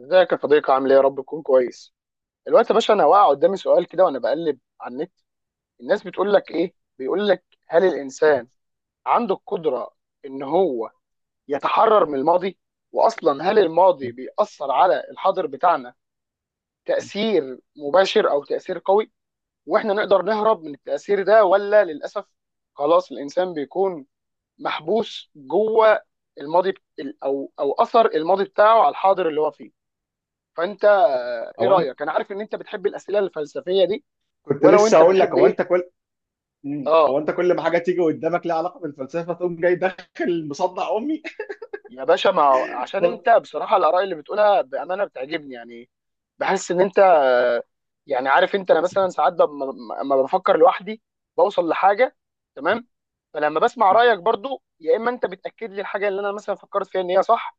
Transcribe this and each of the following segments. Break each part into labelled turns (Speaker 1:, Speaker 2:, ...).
Speaker 1: ازيك يا صديقي؟ عامل ايه؟ يا رب تكون كويس الوقت يا باشا. انا واقع قدامي سؤال كده وانا بقلب على النت. الناس بتقول لك ايه؟ بيقول لك هل الانسان عنده القدره ان هو يتحرر من الماضي؟ واصلا هل الماضي بيأثر على الحاضر بتاعنا تأثير مباشر او تأثير قوي؟ واحنا نقدر نهرب من التأثير ده ولا للاسف خلاص الانسان بيكون محبوس جوه الماضي بت- او او اثر الماضي بتاعه على الحاضر اللي هو فيه. فانت ايه
Speaker 2: او أنت-
Speaker 1: رايك؟ انا عارف ان انت بتحب الاسئله الفلسفيه دي،
Speaker 2: كنت
Speaker 1: وانا
Speaker 2: لسه
Speaker 1: وانت
Speaker 2: هقول لك.
Speaker 1: بنحب
Speaker 2: هو انت
Speaker 1: ايه.
Speaker 2: كل مم. هو
Speaker 1: اه.
Speaker 2: انت كل ما حاجه تيجي قدامك لها علاقه بالفلسفه تقوم جاي داخل مصدع امي.
Speaker 1: يا باشا ما هو- عشان
Speaker 2: وال-
Speaker 1: انت بصراحه الاراء اللي بتقولها بامانه بتعجبني، يعني بحس ان انت يعني عارف انت. انا مثلا ساعات لما بفكر لوحدي بوصل لحاجه، تمام. فلما بسمع رايك برضو، يا اما انت بتاكد لي الحاجه اللي انا مثلا فكرت فيها ان هي صح،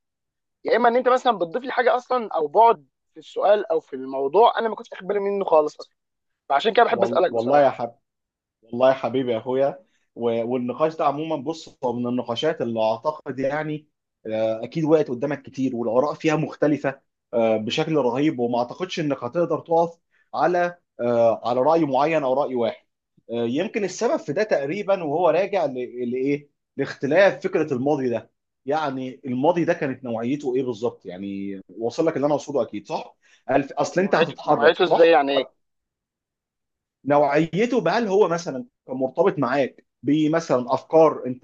Speaker 1: يا اما ان انت مثلا بتضيف لي حاجه اصلا، او بعد في السؤال او في الموضوع انا ما كنتش واخد بالي منه خالص اصلا. فعشان كده بحب اسالك
Speaker 2: والله يا
Speaker 1: بصراحه.
Speaker 2: حبيبي. والله يا حبيبي يا اخويا. والنقاش ده عموما، بص، هو من النقاشات اللي اعتقد اكيد وقت قدامك كتير، والاراء فيها مختلفه بشكل رهيب، وما اعتقدش انك هتقدر تقف على راي معين او راي واحد. يمكن السبب في ده تقريبا، وهو راجع لايه؟ لاختلاف فكره الماضي ده. يعني الماضي ده كانت نوعيته ايه بالظبط؟ يعني واصل لك اللي انا اقصده، اكيد صح. اصل انت
Speaker 1: نوعيته
Speaker 2: هتتحرك،
Speaker 1: نوعيته ازاي؟
Speaker 2: صح؟
Speaker 1: يعني ايه؟
Speaker 2: نوعيته، بهل هو مثلا كان مرتبط معاك بمثلا افكار انت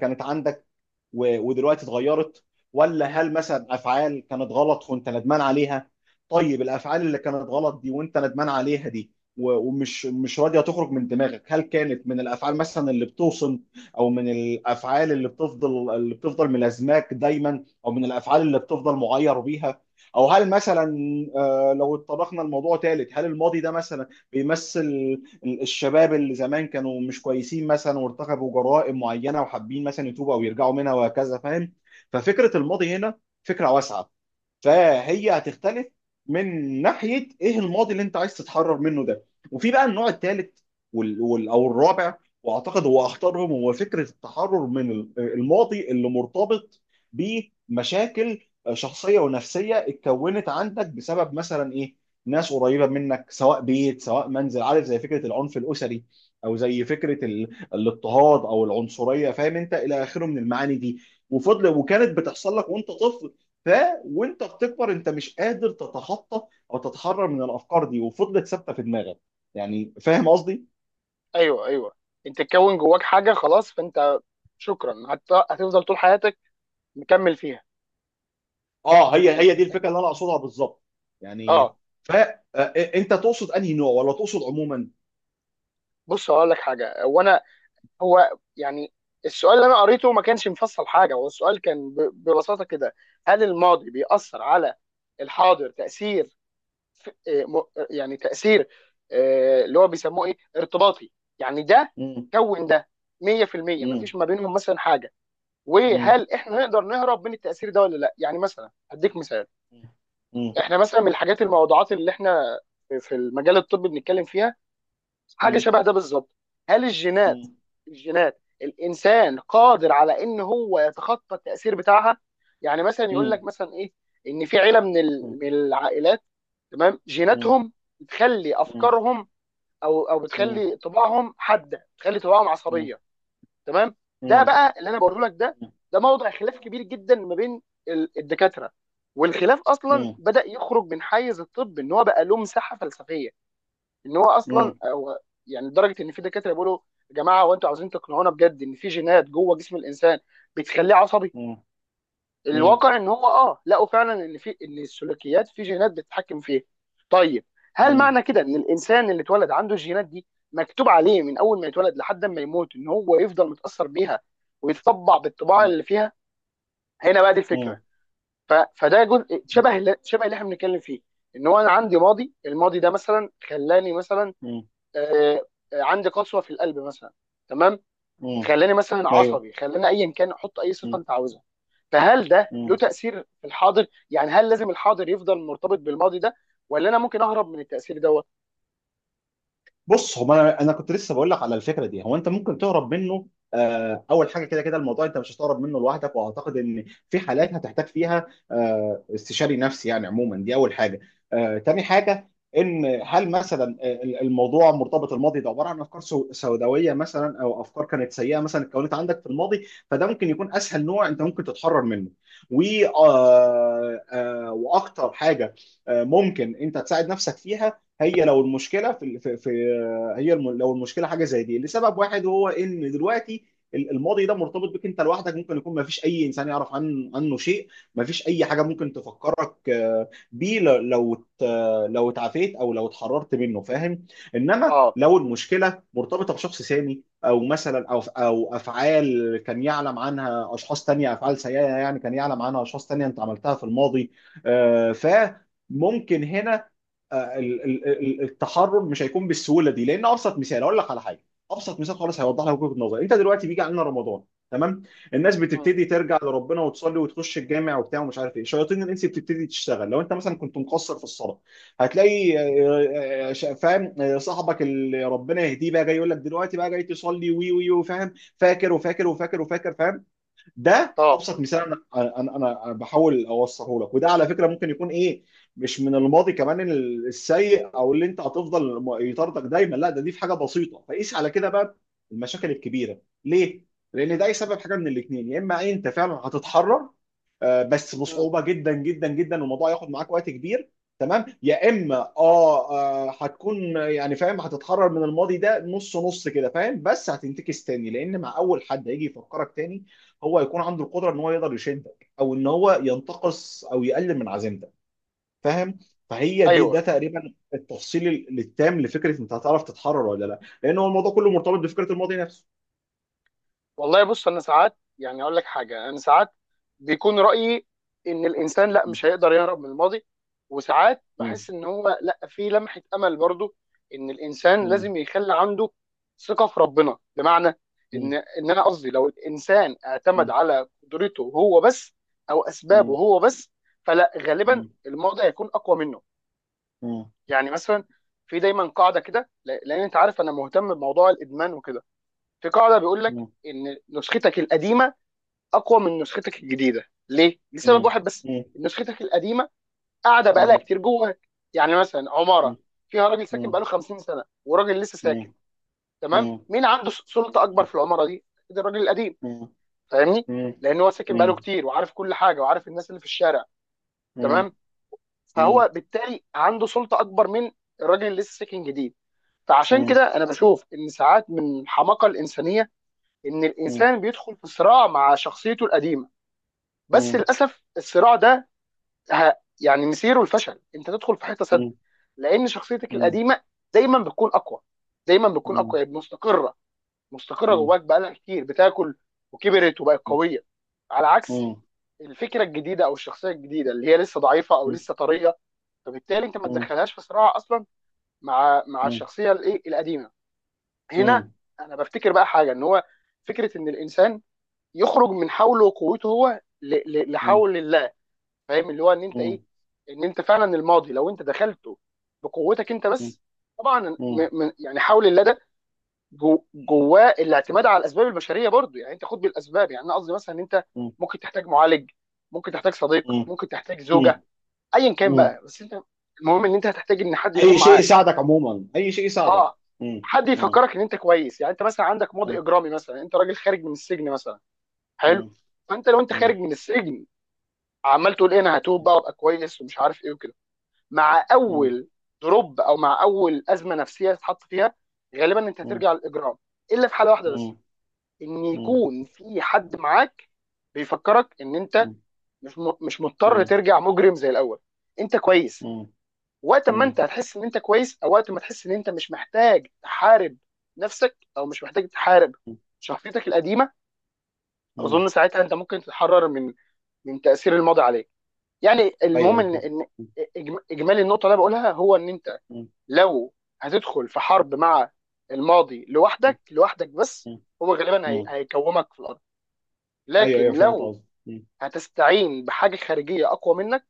Speaker 2: كانت عندك ودلوقتي اتغيرت؟ ولا هل مثلا افعال كانت غلط وانت ندمان عليها؟ طيب، الافعال اللي كانت غلط دي وانت ندمان عليها دي ومش مش راضيه تخرج من دماغك، هل كانت من الافعال مثلا اللي بتوصم، او من الافعال اللي بتفضل ملازماك دايما، او من الافعال اللي بتفضل معير بيها، او هل مثلا لو اتطرقنا لموضوع ثالث، هل الماضي ده مثلا بيمثل الشباب اللي زمان كانوا مش كويسين مثلا وارتكبوا جرائم معينه وحابين مثلا يتوبوا او يرجعوا منها وهكذا، فاهم؟ ففكره الماضي هنا فكره واسعه، فهي هتختلف من ناحيه ايه الماضي اللي انت عايز تتحرر منه ده. وفي بقى النوع الثالث او الرابع، واعتقد هو اخطرهم. هو فكره التحرر من الماضي اللي مرتبط بمشاكل شخصيه ونفسيه اتكونت عندك بسبب مثلا ايه؟ ناس قريبه منك، سواء بيت سواء منزل، عارف؟ زي فكره العنف الاسري، او زي فكره الاضطهاد او العنصريه، فاهم انت الى اخره من المعاني دي. وفضل
Speaker 1: مم.
Speaker 2: وكانت بتحصل لك وانت طفل. ف وانت بتكبر، انت مش قادر تتخطى او تتحرر من الافكار دي، وفضلت ثابته في دماغك. يعني فاهم قصدي؟
Speaker 1: ايوه، ايوه. انت تكون جواك حاجه خلاص، فانت شكرا هتفضل طول حياتك مكمل فيها.
Speaker 2: اه، هي
Speaker 1: انت
Speaker 2: هي دي
Speaker 1: أنت-
Speaker 2: الفكره اللي انا اقصدها بالظبط. يعني
Speaker 1: اه.
Speaker 2: ف آه، انت تقصد انهي نوع ولا تقصد عموما؟
Speaker 1: بص هقول لك حاجه. هو انا هو يعني السؤال اللي انا قريته ما كانش مفصل حاجه. هو السؤال كان ببساطه كده، هل الماضي بيأثر على الحاضر تأثير آه، م... يعني تأثير اللي هو بيسموه ايه، ارتباطي، يعني ده
Speaker 2: مم،
Speaker 1: كون ده 100%
Speaker 2: مم،
Speaker 1: مفيش ما بينهم مثلا حاجه.
Speaker 2: مم،
Speaker 1: وهل احنا نقدر نهرب من التاثير ده ولا لا؟ يعني مثلا هديك مثال.
Speaker 2: مم،
Speaker 1: احنا مثلا من الحاجات الموضوعات اللي احنا في المجال الطبي بنتكلم فيها حاجه
Speaker 2: مم،
Speaker 1: شبه ده بالظبط. هل الجينات،
Speaker 2: مم،
Speaker 1: الجينات الانسان قادر على ان هو يتخطى التاثير بتاعها؟ يعني مثلا يقول
Speaker 2: مم،
Speaker 1: لك مثلا ايه، ان في عيله من العائلات تمام
Speaker 2: مم، مم،
Speaker 1: جيناتهم بتخلي افكارهم، او
Speaker 2: مم، مم،
Speaker 1: بتخلي طباعهم حاده، بتخلي طباعهم عصبيه، تمام.
Speaker 2: مم،
Speaker 1: ده
Speaker 2: مم،
Speaker 1: بقى اللي انا بقوله لك. ده ده موضع خلاف كبير جدا ما بين الدكاتره. والخلاف اصلا
Speaker 2: مم،
Speaker 1: بدا يخرج من حيز الطب ان هو بقى له مساحه فلسفيه، ان هو
Speaker 2: مم،
Speaker 1: اصلا
Speaker 2: مم،
Speaker 1: هو، يعني لدرجه ان في دكاتره بيقولوا يا جماعه هو انتوا عاوزين تقنعونا بجد ان في جينات جوه جسم الانسان بتخليه عصبي؟
Speaker 2: مم،
Speaker 1: الواقع ان هو اه لقوا فعلا ان في، ان السلوكيات في جينات بتتحكم فيها. طيب، هل
Speaker 2: مم،
Speaker 1: معنى كده ان الانسان اللي اتولد عنده الجينات دي مكتوب عليه من اول ما يتولد لحد ما يموت ان هو يفضل متاثر بيها ويتطبع بالطباع اللي فيها؟ هنا بقى دي الفكره. فده جزء شبه شبه اللي احنا بنتكلم فيه، ان هو انا عندي ماضي، الماضي ده مثلا خلاني مثلا
Speaker 2: مم، مم،
Speaker 1: آه، عندي قسوه في القلب مثلا، تمام.
Speaker 2: مم.
Speaker 1: خلاني مثلا
Speaker 2: ايوه.
Speaker 1: عصبي، خلاني ايا كان، حط اي صفه انت عاوزها. فهل ده له تاثير في الحاضر؟ يعني هل لازم الحاضر يفضل مرتبط بالماضي ده، ولا انا ممكن اهرب من التاثير دوت؟
Speaker 2: بص، هو انا كنت لسه بقول لك على الفكره دي، هو انت ممكن تهرب منه. اول حاجه، كده كده الموضوع انت مش هتهرب منه لوحدك، واعتقد ان في حالات هتحتاج فيها استشاري نفسي يعني عموما، دي اول حاجه. تاني حاجه، ان هل مثلا الموضوع مرتبط، الماضي ده عباره عن افكار سوداويه مثلا، او افكار كانت سيئه مثلا اتكونت عندك في الماضي، فده ممكن يكون اسهل نوع انت ممكن تتحرر منه. و آه، آه، واكتر حاجه ممكن انت تساعد نفسك فيها، هي لو المشكله في هي لو المشكله حاجه زي دي لسبب واحد، وهو ان دلوقتي الماضي ده مرتبط بك انت لوحدك، ممكن يكون ما فيش اي انسان يعرف عنه شيء، ما فيش اي حاجه ممكن تفكرك بيه لو اتعافيت او لو اتحررت منه، فاهم؟ انما
Speaker 1: اه.
Speaker 2: لو المشكله مرتبطه بشخص ثاني، او مثلا او افعال كان يعلم عنها اشخاص تانية، افعال سيئه يعني كان يعلم عنها اشخاص تانية انت عملتها في الماضي، آه، ف ممكن هنا التحرر مش هيكون بالسهوله دي، لان ابسط مثال اقول لك على حاجه. ابسط مثال خالص هيوضح لك وجهه نظري: انت دلوقتي بيجي علينا رمضان. تمام. الناس
Speaker 1: مم.
Speaker 2: بتبتدي ترجع لربنا وتصلي وتخش الجامع وبتاع ومش عارف ايه، شياطين الانس بتبتدي تشتغل. لو انت مثلا كنت مقصر في الصلاه، هتلاقي آه، آه، ش- فاهم آه، صاحبك اللي ربنا يهديه بقى جاي يقول لك: دلوقتي بقى جاي تصلي، وي وي، وفاهم فاكر وفاكر وفاكر وفاكر، فاهم؟ ده
Speaker 1: اه.
Speaker 2: ابسط مثال، انا انا انا أنا بحاول اوصله لك، وده على فكره ممكن يكون ايه، مش من الماضي كمان السيء او اللي انت هتفضل يطاردك دايما، لا ده دي في حاجه بسيطه، فقيس على كده بقى المشاكل الكبيره ليه؟ لان ده يسبب حاجه من الاثنين، يا اما انت فعلا هتتحرر بس
Speaker 1: مم.
Speaker 2: بصعوبه جدا جدا جدا، والموضوع ياخد معاك وقت كبير. تمام. يا اما هتكون يعني فاهم، هتتحرر من الماضي ده نص نص كده، فاهم؟ بس هتنتكس تاني، لان مع اول حد هيجي يفكرك تاني هو هيكون عنده القدره ان هو يقدر يشدك، او ان هو ينتقص او يقلل من عزيمتك، فاهم؟ فهي دي
Speaker 1: ايوه.
Speaker 2: ده تقريبا التفصيل التام لفكره انت هتعرف تتحرر ولا لا، لان هو الموضوع كله مرتبط بفكره الماضي نفسه.
Speaker 1: والله بص، انا ساعات يعني اقول لك حاجه، انا ساعات بيكون رايي ان الانسان لا،
Speaker 2: م-
Speaker 1: مش هيقدر يهرب من الماضي. وساعات
Speaker 2: م-
Speaker 1: بحس ان هو لا، في لمحه امل برضو، ان الانسان
Speaker 2: م-
Speaker 1: لازم يخلي عنده ثقه في ربنا. بمعنى
Speaker 2: م-
Speaker 1: ان انا قصدي لو الانسان اعتمد
Speaker 2: م-
Speaker 1: على قدرته هو بس، او اسبابه هو بس، فلا، غالبا
Speaker 2: م-
Speaker 1: الماضي هيكون اقوى منه.
Speaker 2: م-
Speaker 1: يعني مثلا، في دايما قاعده كده لان انت عارف انا مهتم بموضوع الادمان وكده. في قاعده بيقول لك
Speaker 2: م-
Speaker 1: ان نسختك القديمه اقوى من نسختك الجديده. ليه؟ لسبب
Speaker 2: مم.
Speaker 1: واحد بس،
Speaker 2: مم.
Speaker 1: نسختك القديمه قاعده بقالها
Speaker 2: مم.
Speaker 1: كتير جواك. يعني مثلا
Speaker 2: مم.
Speaker 1: عماره فيها راجل ساكن
Speaker 2: مم.
Speaker 1: بقاله 50 سنه، وراجل لسه ساكن،
Speaker 2: مم.
Speaker 1: تمام.
Speaker 2: مم.
Speaker 1: مين عنده سلطه اكبر في العماره دي؟ ده الراجل القديم،
Speaker 2: مم.
Speaker 1: فاهمني؟
Speaker 2: مم.
Speaker 1: لان هو ساكن بقاله
Speaker 2: مم.
Speaker 1: كتير، وعارف كل حاجه، وعارف الناس اللي في الشارع، تمام.
Speaker 2: مم.
Speaker 1: فهو بالتالي عنده سلطه اكبر من الراجل اللي لسه ساكن جديد. فعشان
Speaker 2: مم.
Speaker 1: كده انا بشوف ان ساعات من الحماقه الانسانيه ان
Speaker 2: مم. مم.
Speaker 1: الانسان بيدخل في صراع مع شخصيته القديمه. بس للاسف الصراع ده ه- يعني مصيره الفشل، انت تدخل في حته سد، لان شخصيتك
Speaker 2: مم. مم.
Speaker 1: القديمه دايما بتكون اقوى. دايما بتكون
Speaker 2: مم.
Speaker 1: اقوى، يعني مستقره، مستقره جواك بقالها كتير، بتاكل وكبرت وبقت قويه، على عكس
Speaker 2: مم.
Speaker 1: الفكره الجديده او الشخصيه الجديده اللي هي لسه ضعيفه او لسه طريه. فبالتالي انت ما تدخلهاش في صراع اصلا مع الشخصيه الايه القديمه. هنا انا بفتكر بقى حاجه، ان هو فكره ان الانسان يخرج من حوله وقوته هو لحول، فاهم؟ اللي هو ان انت
Speaker 2: مم.
Speaker 1: ايه، ان انت فعلا الماضي لو انت دخلته بقوتك انت بس، طبعا يعني حاول اللدى جواه الاعتماد على الاسباب البشريه برضو. يعني انت خد بالاسباب، يعني انا قصدي مثلا ان انت ممكن تحتاج معالج، ممكن تحتاج صديق، ممكن تحتاج
Speaker 2: مم.
Speaker 1: زوجه، ايا كان
Speaker 2: مم.
Speaker 1: بقى، بس انت المهم ان انت هتحتاج ان حد
Speaker 2: أي
Speaker 1: يكون
Speaker 2: شيء
Speaker 1: معاك.
Speaker 2: يساعدك عموما، أي شيء يساعدك.
Speaker 1: اه.
Speaker 2: مم.
Speaker 1: حد
Speaker 2: مم.
Speaker 1: يفكرك ان انت كويس. يعني انت مثلا عندك
Speaker 2: مم.
Speaker 1: ماضي اجرامي مثلا، انت راجل خارج من السجن مثلا، حلو.
Speaker 2: مم.
Speaker 1: فانت لو انت خارج
Speaker 2: مم.
Speaker 1: من السجن عمال تقول ايه، انا هتوب بقى وابقى كويس ومش عارف ايه وكده، مع
Speaker 2: مم.
Speaker 1: اول دروب او مع اول ازمه نفسيه تتحط فيها غالبا انت
Speaker 2: مم.
Speaker 1: هترجع للاجرام. الا في حاله واحده بس،
Speaker 2: مم.
Speaker 1: ان
Speaker 2: مم.
Speaker 1: يكون في حد معاك بيفكرك ان انت مش مش مضطر
Speaker 2: مم.
Speaker 1: ترجع مجرم زي الاول، انت كويس.
Speaker 2: مم.
Speaker 1: وقت ما
Speaker 2: مم.
Speaker 1: انت هتحس ان انت كويس، او وقت ما تحس ان انت مش محتاج تحارب نفسك، او مش محتاج تحارب شخصيتك القديمه،
Speaker 2: مم.
Speaker 1: اظن ساعتها انت ممكن تتحرر من من تاثير الماضي عليك. يعني المهم
Speaker 2: أيوه،
Speaker 1: ان اجمالي النقطه اللي أنا بقولها، هو ان انت
Speaker 2: أيوه.
Speaker 1: لو هتدخل في حرب مع الماضي
Speaker 2: مم.
Speaker 1: لوحدك، لوحدك بس، هو غالبا
Speaker 2: مم.
Speaker 1: هيكومك في الارض.
Speaker 2: ايوه،
Speaker 1: لكن
Speaker 2: ايوه، فهمت
Speaker 1: لو
Speaker 2: قصدي. مم.
Speaker 1: هتستعين بحاجه خارجيه اقوى منك،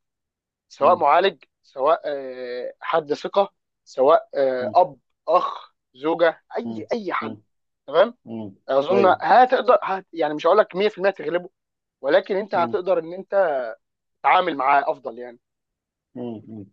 Speaker 1: سواء
Speaker 2: مم.
Speaker 1: معالج، سواء حد ثقه، سواء
Speaker 2: مم.
Speaker 1: اب، اخ، زوجه،
Speaker 2: مم.
Speaker 1: اي حد،
Speaker 2: مم.
Speaker 1: تمام،
Speaker 2: مم.
Speaker 1: اظن
Speaker 2: ايوه.
Speaker 1: هتقدر هت يعني مش هقول لك 100% تغلبه، ولكن انت
Speaker 2: مم.
Speaker 1: هتقدر ان انت تتعامل معاه افضل يعني.
Speaker 2: مم. مم.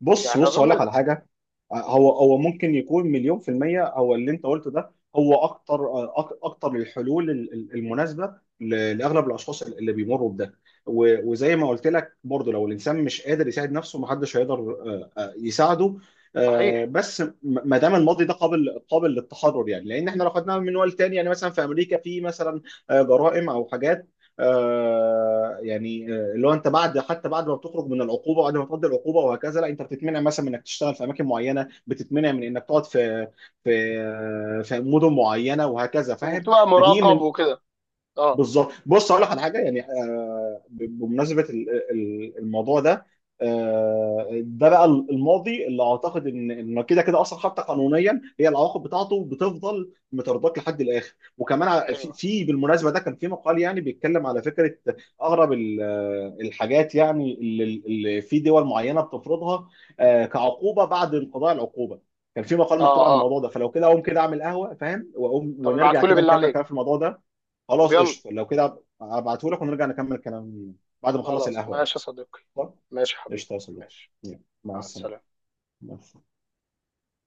Speaker 2: بص،
Speaker 1: يعني
Speaker 2: بص، هقول لك
Speaker 1: اظن.
Speaker 2: على حاجه. هو ممكن يكون 1,000,000% هو اللي انت قلته ده. هو اكتر، اكتر الحلول المناسبة لاغلب الاشخاص اللي بيمروا بده. وزي ما قلت لك برضه، لو الانسان مش قادر يساعد نفسه، محدش هيقدر يساعده.
Speaker 1: صحيح.
Speaker 2: بس ما دام الماضي ده قابل للتحرر يعني، لان احنا لو خدناها من منوال تاني يعني، مثلا في امريكا في مثلا جرائم او حاجات اللي هو انت بعد، حتى بعد ما بتخرج من العقوبه، بعد ما تقضي العقوبه وهكذا، لا انت بتتمنع مثلا من انك تشتغل في اماكن معينه، بتتمنع من انك تقعد في مدن معينه وهكذا، فاهم؟
Speaker 1: وبتبقى
Speaker 2: فدي
Speaker 1: مراقب
Speaker 2: من
Speaker 1: وكده. اه.
Speaker 2: بالظبط. بص، اقول لك على حاجه يعني بمناسبه الموضوع ده، ده بقى الماضي اللي اعتقد ان كده كده اصلا حتى قانونيا، هي العواقب بتاعته بتفضل مترداك لحد الاخر. وكمان
Speaker 1: ايوه.
Speaker 2: بالمناسبه، ده كان في مقال يعني بيتكلم على فكره اغرب الحاجات يعني اللي في دول معينه بتفرضها كعقوبه بعد انقضاء العقوبه. كان في مقال
Speaker 1: اه.
Speaker 2: مكتوب عن
Speaker 1: اه.
Speaker 2: الموضوع ده. فلو كده اقوم كده اعمل قهوه، فاهم؟ واقوم
Speaker 1: طب
Speaker 2: ونرجع
Speaker 1: ابعتهولي
Speaker 2: كده
Speaker 1: بالله
Speaker 2: نكمل
Speaker 1: عليك.
Speaker 2: كلام في الموضوع ده.
Speaker 1: طب
Speaker 2: خلاص
Speaker 1: يلا.
Speaker 2: قشطه، لو كده هبعته لك ونرجع نكمل كلام بعد ما اخلص
Speaker 1: خلاص
Speaker 2: القهوه يعني.
Speaker 1: ماشي يا صديقي.
Speaker 2: طب،
Speaker 1: ماشي يا حبيبي.
Speaker 2: قشطه يا صديقي.
Speaker 1: ماشي.
Speaker 2: يلا، مع
Speaker 1: مع
Speaker 2: السلامه.
Speaker 1: السلامة.
Speaker 2: مع السلامة.